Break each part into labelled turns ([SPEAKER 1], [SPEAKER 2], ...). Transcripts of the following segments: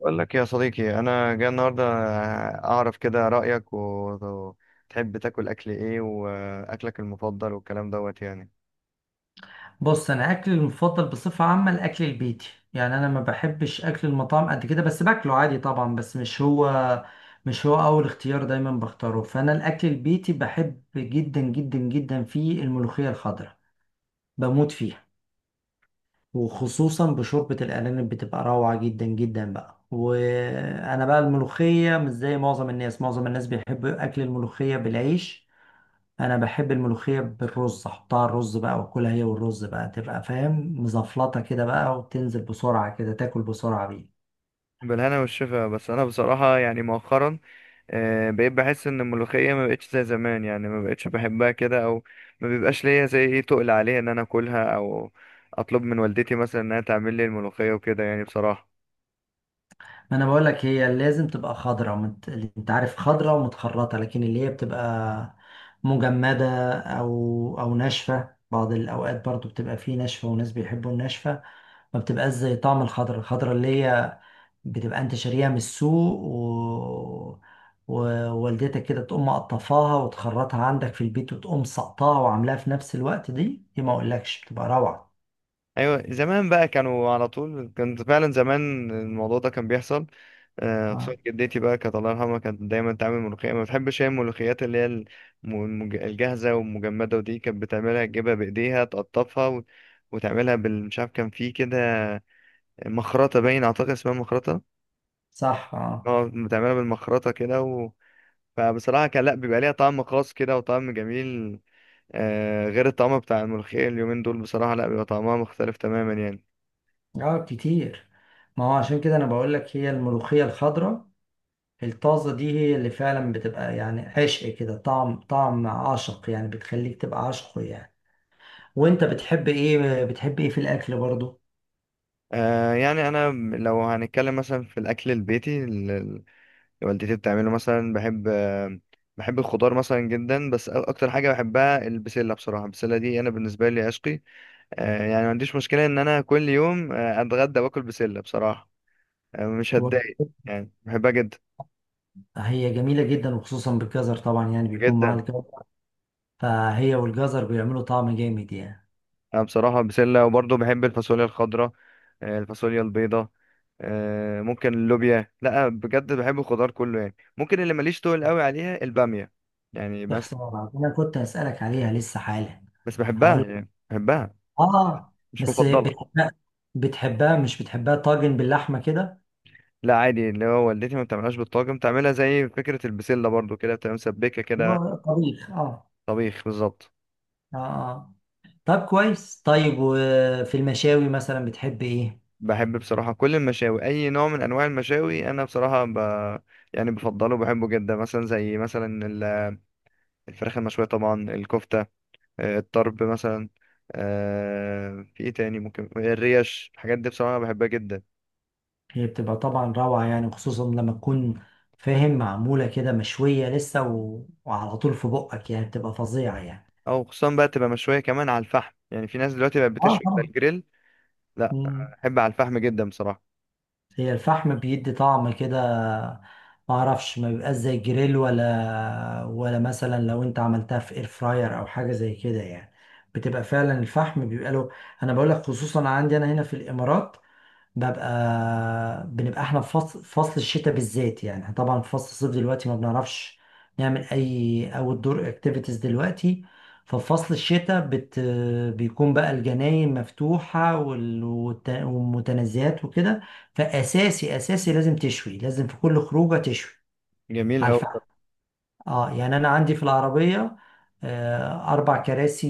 [SPEAKER 1] بقول لك إيه يا صديقي، انا جاي النهارده اعرف كده رايك وتحب تاكل اكل ايه، واكلك المفضل والكلام دوت يعني.
[SPEAKER 2] بص، انا اكلي المفضل بصفه عامه الاكل البيتي. يعني انا ما بحبش اكل المطاعم قد كده، بس باكله عادي طبعا، بس مش هو اول اختيار دايما بختاره. فانا الاكل البيتي بحب جدا جدا جدا، فيه الملوخيه الخضراء بموت فيها، وخصوصا بشوربه الارانب بتبقى روعه جدا جدا بقى. وانا بقى الملوخيه مش زي معظم الناس بيحبوا اكل الملوخيه بالعيش. انا بحب الملوخيه بالرز، احطها على الرز بقى واكلها هي والرز بقى، تبقى فاهم مزفلطه كده بقى، وتنزل بسرعه كده، تاكل بسرعه بيه.
[SPEAKER 1] بالهنا والشفا. بس انا بصراحه يعني مؤخرا بقيت بحس ان الملوخيه ما بقتش زي زمان، يعني ما بقتش بحبها كده، او ما بيبقاش ليا زي ايه تقل عليها ان انا اكلها، او اطلب من والدتي مثلا انها تعمل لي الملوخيه وكده يعني بصراحه.
[SPEAKER 2] ما انا بقول لك، هي لازم تبقى خضراء انت عارف، خضراء ومتخرطه، لكن اللي هي بتبقى مجمده او ناشفه بعض الاوقات، برضو بتبقى فيه ناشفه، وناس بيحبوا الناشفه. ما بتبقاش زي طعم الخضرة، الخضرة اللي هي بتبقى انت شاريها من السوق ووالدتك كده تقوم مقطفاها وتخرطها عندك في البيت، وتقوم سقطاها وعاملاها في نفس الوقت، دي ما اقولكش بتبقى روعة.
[SPEAKER 1] ايوه زمان بقى، كانوا على طول كان فعلا زمان الموضوع ده كان بيحصل. خصوصا
[SPEAKER 2] آه.
[SPEAKER 1] جدتي بقى كانت الله يرحمها، كانت دايما تعمل ملوخيه، ما بتحبش هي الملوخيات اللي هي الجاهزه والمجمده. ودي كانت بتعملها تجيبها بايديها تقطفها وتعملها مش عارف كان في كده مخرطه، باين اعتقد اسمها مخرطه.
[SPEAKER 2] صح، اه.
[SPEAKER 1] اه، بتعملها بالمخرطه كده فبصراحه كان لا بيبقى ليها طعم خاص كده وطعم جميل. غير الطعم بتاع الملوخيه اليومين دول، بصراحه لا بيبقى طعمها مختلف تماما يعني.
[SPEAKER 2] اه، كتير. ما هو عشان كده انا بقولك، هي الملوخية الخضراء الطازة دي هي اللي فعلا بتبقى يعني عشق كده، طعم عاشق يعني، بتخليك تبقى عاشقه يعني. وانت بتحب ايه في الاكل برضو؟
[SPEAKER 1] يعني انا، لو هنتكلم مثلا في الاكل البيتي اللي والدتي بتعمله مثلا، بحب بحب الخضار مثلا جدا. بس اكتر حاجه بحبها البسله بصراحه، البسله دي انا بالنسبه لي عشقي. يعني ما عنديش مشكله ان انا كل يوم اتغدى واكل بسله بصراحه. آه، مش هتضايق، يعني بحبها جدا
[SPEAKER 2] هي جميلة جدا، وخصوصا بالجزر طبعا، يعني بيكون معاها
[SPEAKER 1] جدا.
[SPEAKER 2] الجزر، فهي والجزر بيعملوا طعم جامد يعني.
[SPEAKER 1] انا بصراحه بسله وبرضه بحب الفاصوليا الخضراء، الفاصوليا البيضاء، ممكن اللوبيا. لا بجد بحب الخضار كله يعني، ممكن اللي ماليش تقول قوي عليها الباميه يعني.
[SPEAKER 2] يا
[SPEAKER 1] بس
[SPEAKER 2] خسارة، أنا كنت هسألك عليها لسه حالا.
[SPEAKER 1] بس
[SPEAKER 2] هقول
[SPEAKER 1] بحبها،
[SPEAKER 2] لك.
[SPEAKER 1] يعني بحبها
[SPEAKER 2] آه.
[SPEAKER 1] مش
[SPEAKER 2] بس
[SPEAKER 1] مفضله.
[SPEAKER 2] بتحبها مش بتحبها طاجن باللحمة كده؟
[SPEAKER 1] لا عادي، اللي هو والدتي ما بتعملهاش بالطاجن، بتعملها زي فكره البسله برضو كده، بتبقى مسبكه كده.
[SPEAKER 2] هو طبيخ. آه.
[SPEAKER 1] طبيخ بالظبط.
[SPEAKER 2] آه، آه. طب كويس. طيب، وفي المشاوي مثلا بتحب إيه؟
[SPEAKER 1] بحب بصراحه كل المشاوي، اي نوع من انواع المشاوي انا بصراحه يعني بفضله وبحبه جدا. مثلا زي مثلا الفراخ المشويه طبعا، الكفته، الطرب مثلا، في ايه تاني ممكن الريش. الحاجات دي بصراحة بحبها جدا.
[SPEAKER 2] هي بتبقى طبعا روعة يعني، وخصوصا لما تكون فاهم، معمولة كده، مشوية لسه وعلى طول في بقك، يعني بتبقى فظيعة يعني.
[SPEAKER 1] او خصوصا بقى تبقى مشوية كمان على الفحم، يعني في ناس دلوقتي بقت
[SPEAKER 2] آه،
[SPEAKER 1] بتشوي على
[SPEAKER 2] طبعا.
[SPEAKER 1] الجريل. لا.
[SPEAKER 2] مم.
[SPEAKER 1] بحب على الفحم جدا بصراحة.
[SPEAKER 2] هي الفحم بيدي طعم كده، ما اعرفش، ما بيبقاش زي الجريل، ولا مثلا لو انت عملتها في اير فراير او حاجه زي كده يعني، بتبقى فعلا الفحم بيبقى له. انا بقول لك، خصوصا عندي انا هنا في الامارات، ببقى بنبقى احنا في فصل الشتاء بالذات. يعني احنا طبعا في فصل الصيف دلوقتي ما بنعرفش نعمل اي اوت دور اكتيفيتيز دلوقتي. ففي فصل الشتاء بيكون بقى الجناين مفتوحة، والمتنزهات وكده. فأساسي أساسي لازم تشوي، لازم في كل خروجة تشوي
[SPEAKER 1] جميل
[SPEAKER 2] على
[SPEAKER 1] أوي
[SPEAKER 2] الفحم.
[SPEAKER 1] بصراحة.
[SPEAKER 2] اه يعني انا عندي في العربيه 4 كراسي،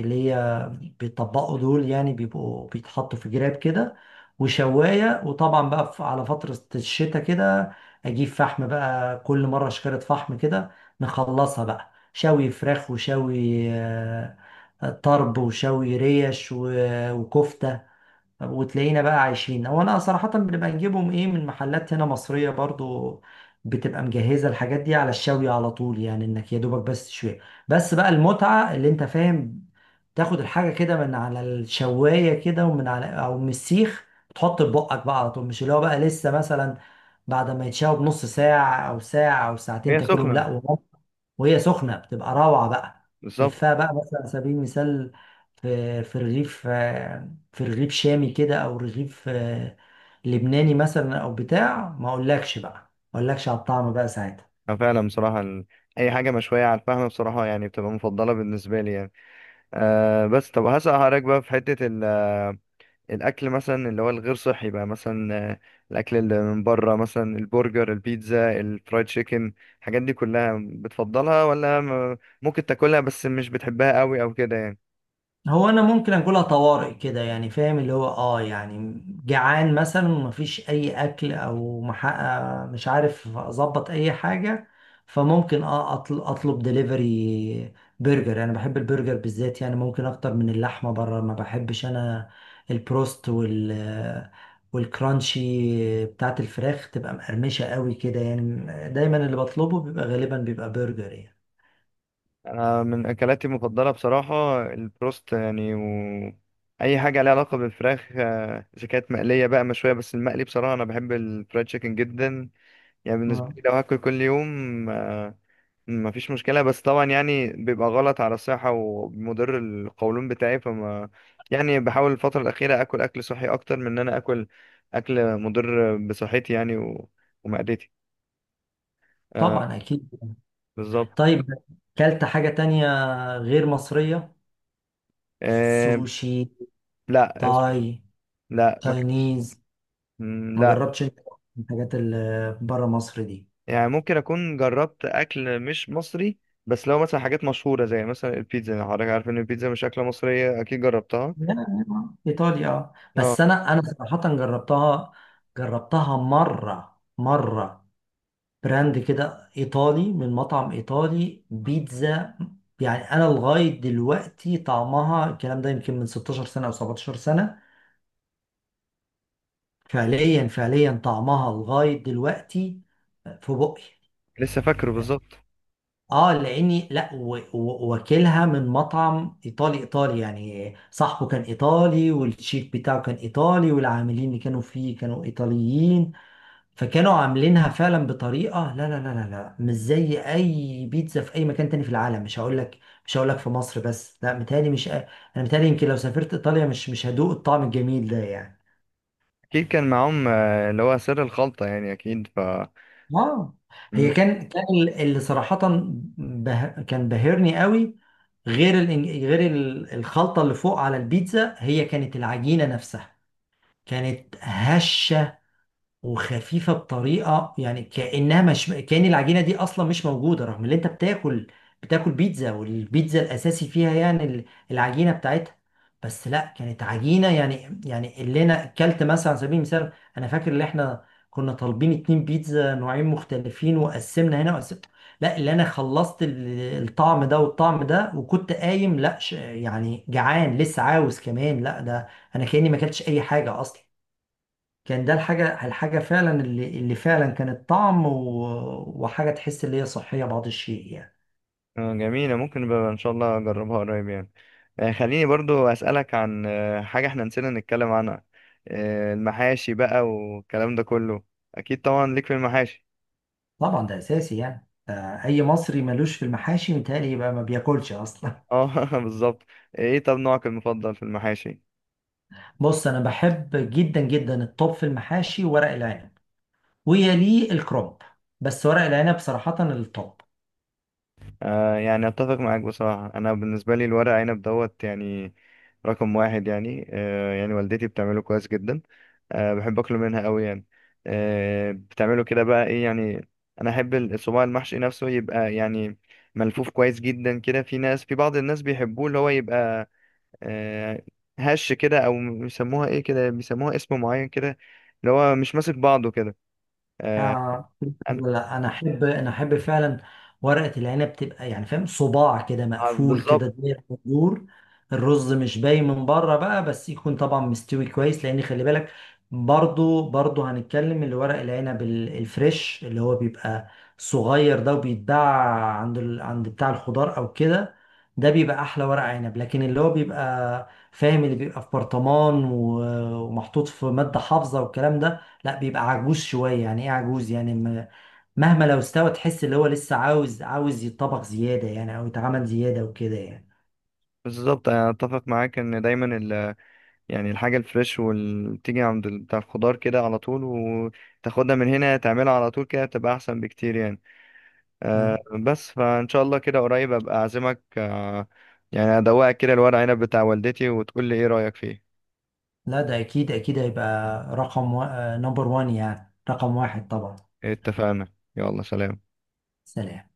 [SPEAKER 2] اللي هي بيطبقوا دول يعني، بيبقوا بيتحطوا في جراب كده، وشوايه. وطبعا بقى على فتره الشتاء كده، اجيب فحم بقى كل مره شكاره فحم كده، نخلصها بقى، شوي فراخ وشوي طرب وشوي ريش وكفته. وتلاقينا بقى عايشين. هو انا صراحة بنبقى نجيبهم، ايه، من محلات هنا مصرية برضو، بتبقى مجهزة الحاجات دي على الشوي على طول، يعني انك يا دوبك بس تشويها. بس بقى المتعة، اللي انت فاهم، تاخد الحاجة كده من على الشواية كده، ومن على او من السيخ، تحط في بقك بقى على طول. مش اللي هو بقى لسه مثلا بعد ما يتشوى بنص ساعة او ساعة او ساعتين
[SPEAKER 1] هي
[SPEAKER 2] تاكلهم،
[SPEAKER 1] سخنة.
[SPEAKER 2] لا. وهي سخنه بتبقى روعه بقى. تلفها
[SPEAKER 1] بالظبط.
[SPEAKER 2] بقى مثلا، على سبيل المثال، في رغيف في رغيف شامي كده، او رغيف لبناني مثلا، او بتاع، ما اقولكش بقى، ما اقولكش على الطعم بقى ساعتها.
[SPEAKER 1] أه فعلا بصراحة، أي حاجة مشوية على الفحم بصراحة يعني بتبقى مفضلة بالنسبة لي يعني. أه. بس طب هسأل حضرتك بقى، في حتة الاكل مثلا اللي هو الغير صحي بقى، مثلا الاكل اللي من بره مثلا، البرجر، البيتزا، الفرايد تشيكن، الحاجات دي كلها بتفضلها ولا ممكن تاكلها بس مش بتحبها قوي او كده يعني؟
[SPEAKER 2] هو انا ممكن اكلها طوارئ كده يعني، فاهم، اللي هو يعني جعان مثلا ومفيش اي اكل، او محقق مش عارف اظبط اي حاجه، فممكن اطلب دليفري. برجر، انا بحب البرجر بالذات يعني، ممكن اكتر من اللحمه، بره ما بحبش انا، البروست والكرانشي بتاعت الفراخ تبقى مقرمشه قوي كده يعني. دايما اللي بطلبه بيبقى غالبا بيبقى برجر يعني.
[SPEAKER 1] انا من اكلاتي المفضله بصراحه البروست يعني اي حاجه ليها علاقه بالفراخ، اذا كانت مقليه بقى مشويه، بس المقلي بصراحه انا بحب الفرايد تشيكن جدا. يعني بالنسبه
[SPEAKER 2] آه.
[SPEAKER 1] لي لو هاكل كل يوم، ما فيش مشكلة. بس طبعا يعني بيبقى غلط على الصحة ومضر القولون بتاعي، فما يعني بحاول الفترة الأخيرة أكل أكل صحي أكتر من إن أنا أكل أكل مضر بصحتي يعني ومعدتي. آه،
[SPEAKER 2] طبعا، اكيد.
[SPEAKER 1] بالظبط.
[SPEAKER 2] طيب، كلت حاجة تانية غير مصرية؟
[SPEAKER 1] آه.
[SPEAKER 2] سوشي؟
[SPEAKER 1] لا
[SPEAKER 2] تاي؟
[SPEAKER 1] لا ما كنتش.
[SPEAKER 2] تاينيز؟
[SPEAKER 1] مم،
[SPEAKER 2] ما
[SPEAKER 1] لا.
[SPEAKER 2] جربتش انت الحاجات اللي بره مصر دي؟
[SPEAKER 1] يعني ممكن أكون جربت أكل مش مصري، بس لو مثلا حاجات مشهورة زي مثلا البيتزا، حضرتك عارف إن البيتزا مش أكلة مصرية، أكيد جربتها.
[SPEAKER 2] لا لا، ايطاليا، اه.
[SPEAKER 1] اه
[SPEAKER 2] بس انا صراحة جربتها، جربتها مرة مرة. براند كده ايطالي، من مطعم ايطالي، بيتزا. يعني انا لغاية دلوقتي طعمها، الكلام ده يمكن من 16 سنة او 17 سنة، فعليا فعليا طعمها لغاية دلوقتي في بقي.
[SPEAKER 1] لسه فاكره بالظبط.
[SPEAKER 2] اه، لاني لا واكلها من مطعم ايطالي ايطالي، يعني صاحبه كان ايطالي، والشيف بتاعه كان ايطالي، والعاملين اللي كانوا فيه كانوا ايطاليين. فكانوا عاملينها فعلا بطريقه، لا لا لا لا لا، مش زي اي بيتزا في اي مكان تاني في العالم. مش هقول لك في مصر بس، لا، متهيألي، مش انا، متهيألي يمكن لو سافرت ايطاليا مش هدوق الطعم الجميل ده يعني.
[SPEAKER 1] اكيد كان معاهم اللي هو سر الخلطة، يعني اكيد
[SPEAKER 2] اه،
[SPEAKER 1] مم.
[SPEAKER 2] هي كان اللي صراحة كان بهرني قوي، غير الخلطة اللي فوق على البيتزا. هي كانت العجينة نفسها، كانت هشة وخفيفه بطريقه، يعني كانها مش، كان العجينه دي اصلا مش موجوده، رغم ان انت بتاكل بيتزا، والبيتزا الاساسي فيها يعني العجينه بتاعتها. بس لا، كانت عجينه يعني، اللي انا اكلت مثلا على سبيل المثال. انا فاكر ان احنا كنا طالبين 2 بيتزا نوعين مختلفين، وقسمنا هنا وقسمنا، لا، اللي انا خلصت الطعم ده والطعم ده، وكنت قايم، لا، يعني جعان لسه عاوز كمان، لا، ده انا كاني ما اكلتش اي حاجه اصلا. كان ده الحاجة، فعلا، اللي فعلا كانت طعم وحاجة تحس اللي هي صحية بعض الشيء يعني.
[SPEAKER 1] جميلة، ممكن بقى ان شاء الله اجربها قريب يعني. خليني برضو اسألك عن حاجة احنا نسينا نتكلم عنها، المحاشي بقى والكلام ده كله. اكيد طبعا ليك في المحاشي.
[SPEAKER 2] طبعا، ده أساسي يعني. أي مصري ملوش في المحاشي متهيألي يبقى ما بياكلش أصلا.
[SPEAKER 1] اه بالظبط. ايه طب نوعك المفضل في المحاشي؟
[SPEAKER 2] بص، أنا بحب جدا جدا الطب في المحاشي ورق العنب، ويليه الكرنب، بس ورق العنب صراحة الطب.
[SPEAKER 1] يعني اتفق معاك بصراحة، انا بالنسبة لي الورق عنب دوت يعني، رقم واحد يعني. يعني والدتي بتعمله كويس جدا، بحب اكله منها قوي يعني. بتعمله كده بقى ايه يعني، انا احب الصباع المحشي نفسه يبقى يعني ملفوف كويس جدا كده. في بعض الناس بيحبوه، اللي هو يبقى آه هش كده، او بيسموها ايه كده، بيسموها اسم معين كده، اللي هو مش ماسك بعضه كده. آه
[SPEAKER 2] آه.
[SPEAKER 1] أنا-
[SPEAKER 2] لا، انا احب فعلا ورقه العنب تبقى، يعني فاهم، صباع كده مقفول
[SPEAKER 1] بالظبط.
[SPEAKER 2] كده زي الصدور، الرز مش باين من بره بقى، بس يكون طبعا مستوي كويس، لان خلي بالك، برضو هنتكلم، اللي ورق العنب الفريش، اللي هو بيبقى صغير ده، وبيتباع عند عند بتاع الخضار او كده، ده بيبقى احلى ورق عنب. لكن اللي هو بيبقى فاهم، اللي بيبقى في برطمان ومحطوط في ماده حافظه والكلام ده، لا، بيبقى عجوز شوية. يعني ايه عجوز؟ يعني مهما لو استوى تحس اللي هو لسه عاوز يتطبخ زيادة يعني، او يتعمل زيادة وكده يعني.
[SPEAKER 1] بالظبط انا اتفق معاك ان دايما يعني الحاجة الفريش، واللي بتيجي عند بتاع الخضار كده على طول وتاخدها من هنا تعملها على طول كده، بتبقى أحسن بكتير يعني. آه
[SPEAKER 2] نعم.
[SPEAKER 1] بس فإن شاء الله كده قريب أبقى أعزمك، يعني أدوقك كده الورق عنب بتاع والدتي وتقول لي إيه رأيك فيه.
[SPEAKER 2] لا، ده اكيد اكيد هيبقى رقم و... نمبر وان، يعني رقم واحد طبعا.
[SPEAKER 1] اتفقنا، يلا سلام.
[SPEAKER 2] سلام.